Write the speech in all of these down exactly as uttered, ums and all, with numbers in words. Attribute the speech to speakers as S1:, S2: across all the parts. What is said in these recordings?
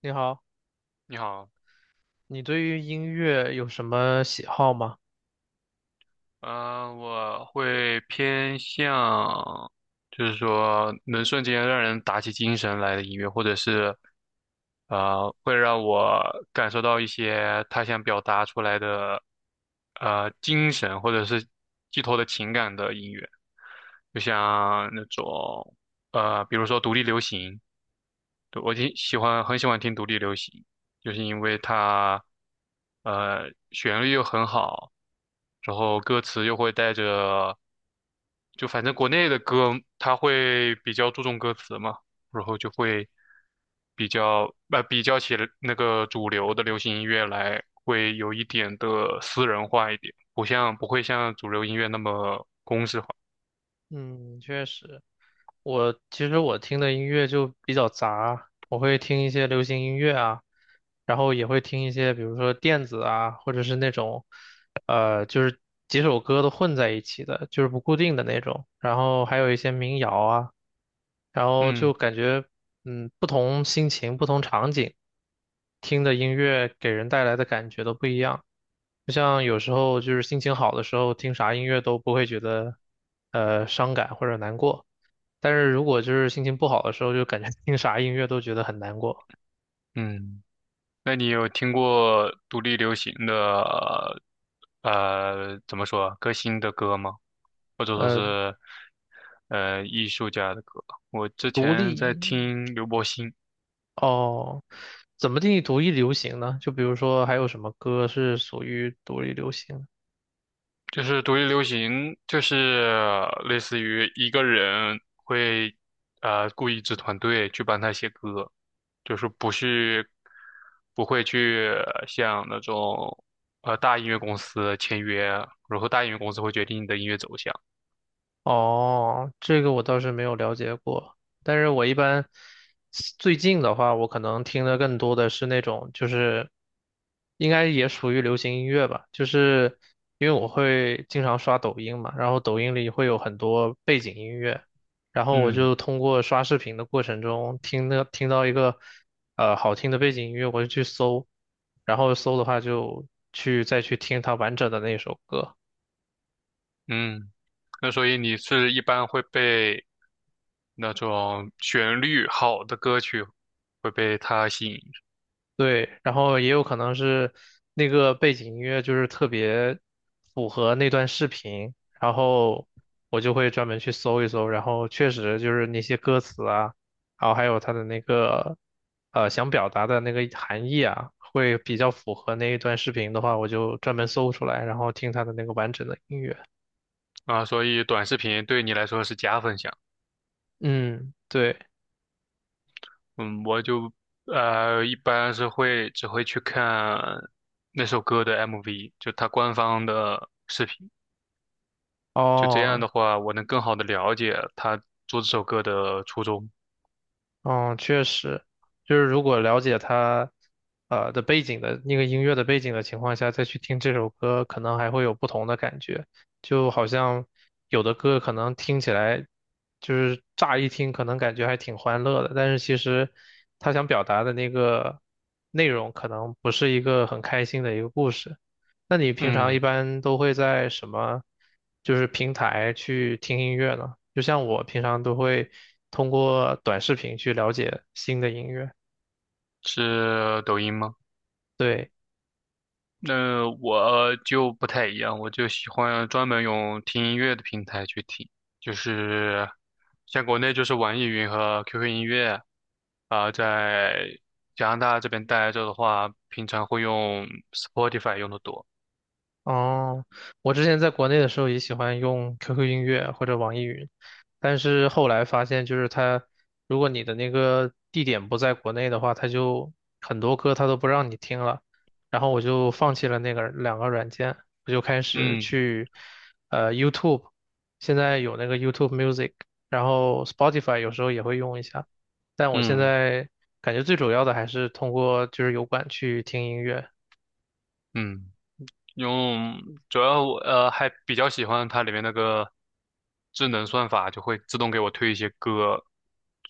S1: 你好，
S2: 你好，
S1: 你对于音乐有什么喜好吗？
S2: 嗯、我会偏向，就是说能瞬间让人打起精神来的音乐，或者是，呃，会让我感受到一些他想表达出来的，呃，精神或者是寄托的情感的音乐，就像那种，呃，比如说独立流行。对，我挺喜欢，很喜欢听独立流行，就是因为它，呃，旋律又很好，然后歌词又会带着，就反正国内的歌，它会比较注重歌词嘛，然后就会比较，呃，比较起那个主流的流行音乐来，会有一点的私人化一点，不像，不会像主流音乐那么。
S1: 嗯，确实，我其实我听的音乐就比较杂，我会听一些流行音乐啊，然后也会听一些，比如说电子啊，或者是那种，呃，就是几首歌都混在一起的，就是不固定的那种，然后还有一些民谣啊，然后就
S2: 嗯
S1: 感觉，嗯，不同心情、不同场景听的音乐给人带来的感觉都不一样。就像有时候就是心情好的时候，听啥音乐都不会觉得呃伤感或者难过，但是如果就是心情不好的时候，就感觉 听啥音乐都觉得很难过。
S2: 嗯。那你有听过独立流行的呃怎么说歌星的歌吗？或者说
S1: 呃，
S2: 是呃艺术家的歌？我之
S1: 独
S2: 前在
S1: 立
S2: 听刘柏辛。
S1: 哦，怎么定义独立流行呢？就比如说还有什么歌是属于独立流行？
S2: 就是独立流行，就是类似于一个人会呃雇一支团队去帮他写歌，就是不是不会去像那种呃大音乐公司签约，然后大音乐公司会决定你的音乐走向。
S1: 哦，这个我倒是没有了解过，但是我一般最近的话，我可能听的更多的是那种，就是应该也属于流行音乐吧，就是因为我会经常刷抖音嘛，然后抖音里会有很多背景音乐，然后我
S2: 嗯。
S1: 就通过刷视频的过程中听的听到一个呃好听的背景音乐，我就去搜，然后搜的话就去再去听它完整的那首歌。
S2: 嗯，那所以你是一般会被那种旋律好的歌曲会被它吸引。
S1: 对，然后也有可能是那个背景音乐就是特别符合那段视频，然后我就会专门去搜一搜，然后确实就是那些歌词啊，然后还有它的那个呃想表达的那个含义啊，会比较符合那一段视频的话，我就专门搜出来，然后听它的那个完整的音乐。
S2: 啊，所以短视频对你来说是加分项。
S1: 嗯，对，
S2: 嗯，我就呃一般是会只会去看那首歌的 M V，就它官方的视频，就这样
S1: 哦，
S2: 的话，我能更好的了解他做这首歌的初衷。
S1: 嗯，确实，就是如果了解他，呃的背景的那个音乐的背景的情况下，再去听这首歌，可能还会有不同的感觉。就好像有的歌可能听起来，就是乍一听可能感觉还挺欢乐的，但是其实他想表达的那个内容可能不是一个很开心的一个故事。那你平常一
S2: 嗯，
S1: 般都会在什么，就是平台去听音乐呢？就像我平常都会通过短视频去了解新的音乐。
S2: 是抖音吗？
S1: 对，
S2: 那我就不太一样，我就喜欢专门用听音乐的平台去听，就是像国内就是网易云和 Q Q 音乐，啊、在加拿大这边待着的话，平常会用 Spotify 用的多。
S1: 哦，我之前在国内的时候也喜欢用 Q Q 音乐或者网易云，但是后来发现，就是它，如果你的那个地点不在国内的话，它就很多歌它都不让你听了，然后我就放弃了那个两个软件，我就开始
S2: 嗯
S1: 去呃 YouTube，现在有那个 YouTube Music，然后 Spotify 有时候也会用一下，但我现
S2: 嗯
S1: 在感觉最主要的还是通过就是油管去听音乐，
S2: 嗯。用，主要我呃还比较喜欢它里面那个智能算法，就会自动给我推一些歌，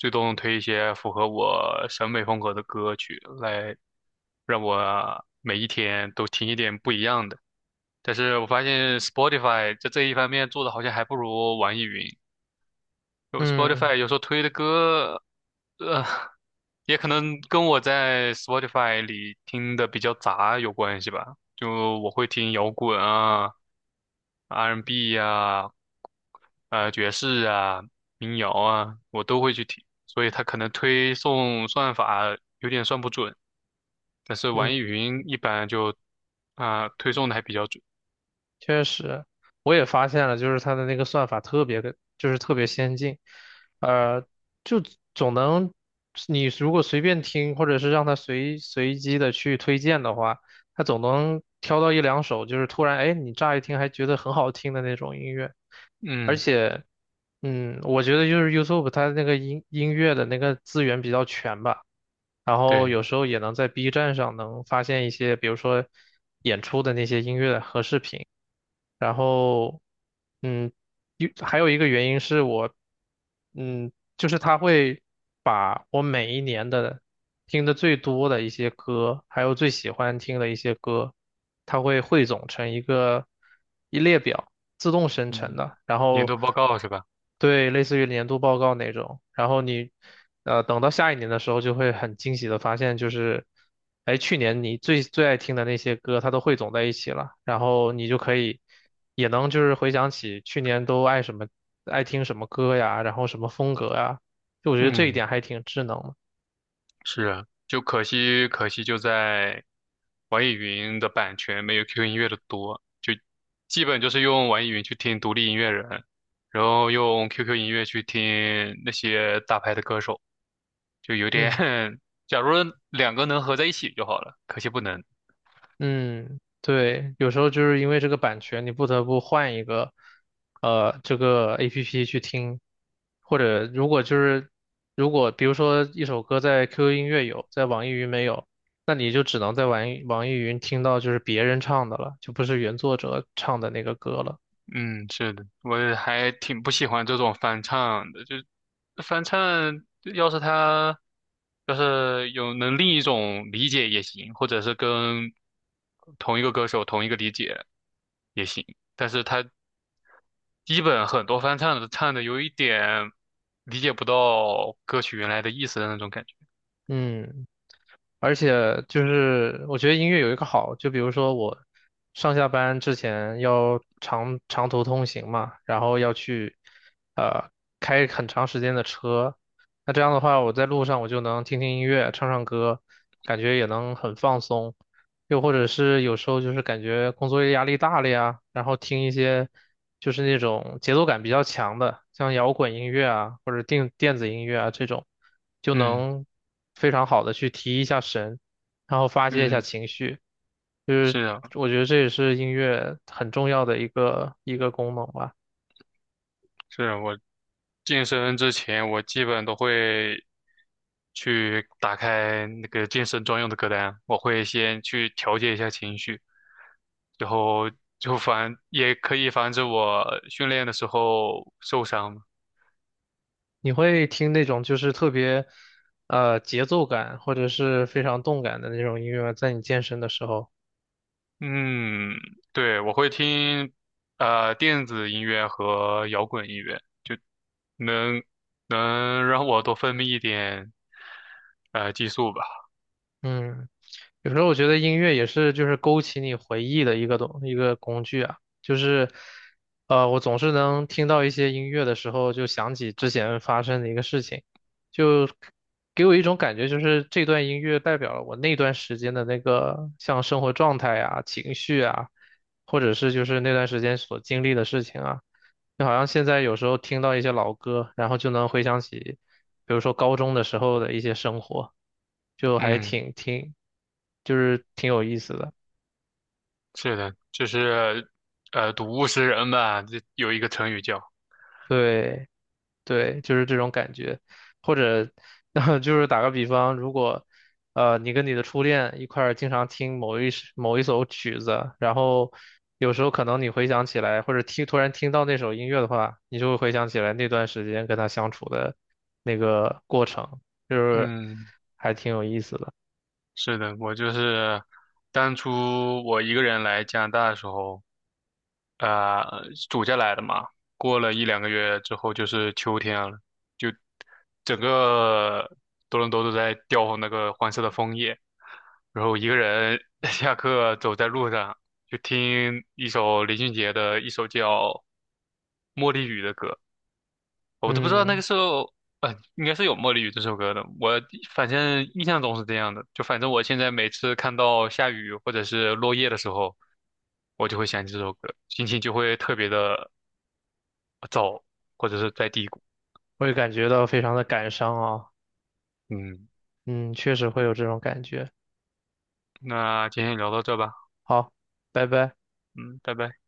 S2: 自动推一些符合我审美风格的歌曲，来让我每一天都听一点不一样的。但是我发现 Spotify 在这一方面做的好像还不如网易云。就
S1: 嗯
S2: Spotify 有时候推的歌，呃，也可能跟我在 Spotify 里听的比较杂有关系吧。就我会听摇滚啊。R and B n 呀、呃爵士啊、民谣啊，我都会去听，所以它可能推送算法有点算不准，但是网
S1: 嗯。
S2: 易云一般就啊、推送的还比较准。
S1: 确实，我也发现了，就是它的那个算法特别的，就是特别先进，呃，就总能，你如果随便听，或者是让它随随机的去推荐的话，它总能挑到一两首，就是突然，哎，你乍一听还觉得很好听的那种音乐，而
S2: 嗯，
S1: 且，嗯，我觉得就是 YouTube 它那个音音乐的那个资源比较全吧。然后
S2: 对，
S1: 有时候也能在 B 站上能发现一些，比如说演出的那些音乐和视频。然后，嗯，一还有一个原因是我，嗯，就是他会把我每一年的听的最多的一些歌，还有最喜欢听的一些歌，他会汇总成一个一列表，自动生成
S2: 嗯，
S1: 的。然
S2: 年
S1: 后
S2: 度报告是吧？
S1: 对，类似于年度报告那种。然后你，呃，等到下一年的时候，就会很惊喜的发现，就是，哎，去年你最最爱听的那些歌，它都汇总在一起了。然后你就可以，也能就是回想起去年都爱什么，爱听什么歌呀，然后什么风格呀。就我觉得这一
S2: 嗯。
S1: 点还挺智能的。
S2: 是啊，就可惜，可惜就在网易云的版权没有 Q Q 音乐的多，就基本就是用网易云去听独立音乐人，然后用 Q Q 音乐去听那些大牌的歌手，就有点，
S1: 嗯。
S2: 假如两个能合在一起就好了，可惜不能。
S1: 嗯，对，有时候就是因为这个版权，你不得不换一个，呃，这个 A P P 去听，或者如果就是如果比如说一首歌在 Q Q 音乐有，在网易云没有，那你就只能在网易网易云听到就是别人唱的了，就不是原作者唱的那个歌了。
S2: 嗯，是的，我也还挺不喜欢这种翻唱的，就翻唱，要是他要是有能另一种理解也行，或者是跟同一个歌手同一个理解也行，但是他基本很多翻唱的唱的有一点理解不到歌曲原来的意思的那种感觉。
S1: 嗯。而且就是我觉得音乐有一个好，就比如说我上下班之前要长长途通行嘛，然后要去呃开很长时间的车，那这样的话我在路上我就能听听音乐，唱唱歌，感觉也能很放松。又或者是有时候就是感觉工作压力大了呀，然后听一些。就是那种节奏感比较强的，像摇滚音乐啊，或者电电子音乐啊这种，就
S2: 嗯
S1: 能非常好的去提一下神，然后发泄一下
S2: 嗯，
S1: 情绪。就是
S2: 是啊，
S1: 我觉得这也是音乐很重要的一个一个功能吧。
S2: 是啊，我健身之前，我基本都会去打开那个健身专用的歌单，我会先去调节一下情绪，然后就防，也可以防止我训练的时候受伤嘛。
S1: 你会听那种就是特别呃节奏感或者是非常动感的那种音乐吗，在你健身的时候。
S2: 嗯，对，我会听呃电子音乐和摇滚音乐，能能让我多分泌一点呃激素吧。
S1: 嗯，有时候我觉得音乐也是就是勾起你回忆的一个东一个工具啊，就是呃，我总是能听到一些音乐的时候，就想起之前发生的一个事情，就给我一种感觉，就是这段音乐代表了我那段时间的那个像生活状态啊、情绪啊，或者是就是那段时间所经历的事情啊。就好像现在有时候听到一些老歌，然后就能回想起比如说高中的时候的一些生活，就还
S2: 嗯。
S1: 挺挺，就是挺有意思的。
S2: 是的，就是呃，睹物思人吧，这有一个成语叫。
S1: 对对，就是这种感觉，或者 就是打个比方，如果呃你跟你的初恋一块儿经常听某一首某一首曲子，然后有时候可能你回想起来，或者听突然听到那首音乐的话，你就会回想起来那段时间跟他相处的那个过程，就是
S2: 嗯，
S1: 还挺有意思的。
S2: 是的，我就是当初我一个人来加拿大的时候，呃，暑假来的嘛，过了一两个月之后就是秋天了，就整个多伦多都在掉那个黄色的枫叶，然后一个人 下课走在路上，就听一首林俊杰的一首叫《茉莉雨》的歌。我都不知道那
S1: 嗯，
S2: 个时候，呃，应该是有《茉莉雨》这首歌的。我反正印象中是这样的，就反正我现在每次看到下雨或者是落叶的时候，我就会想起这首歌，心情就会特别的糟，或者是在低谷。
S1: 我也感觉到非常的感伤啊。
S2: 嗯，
S1: 嗯，确实会有这种感觉。
S2: 那今天聊到这吧，
S1: 好，拜拜。
S2: 嗯，拜拜。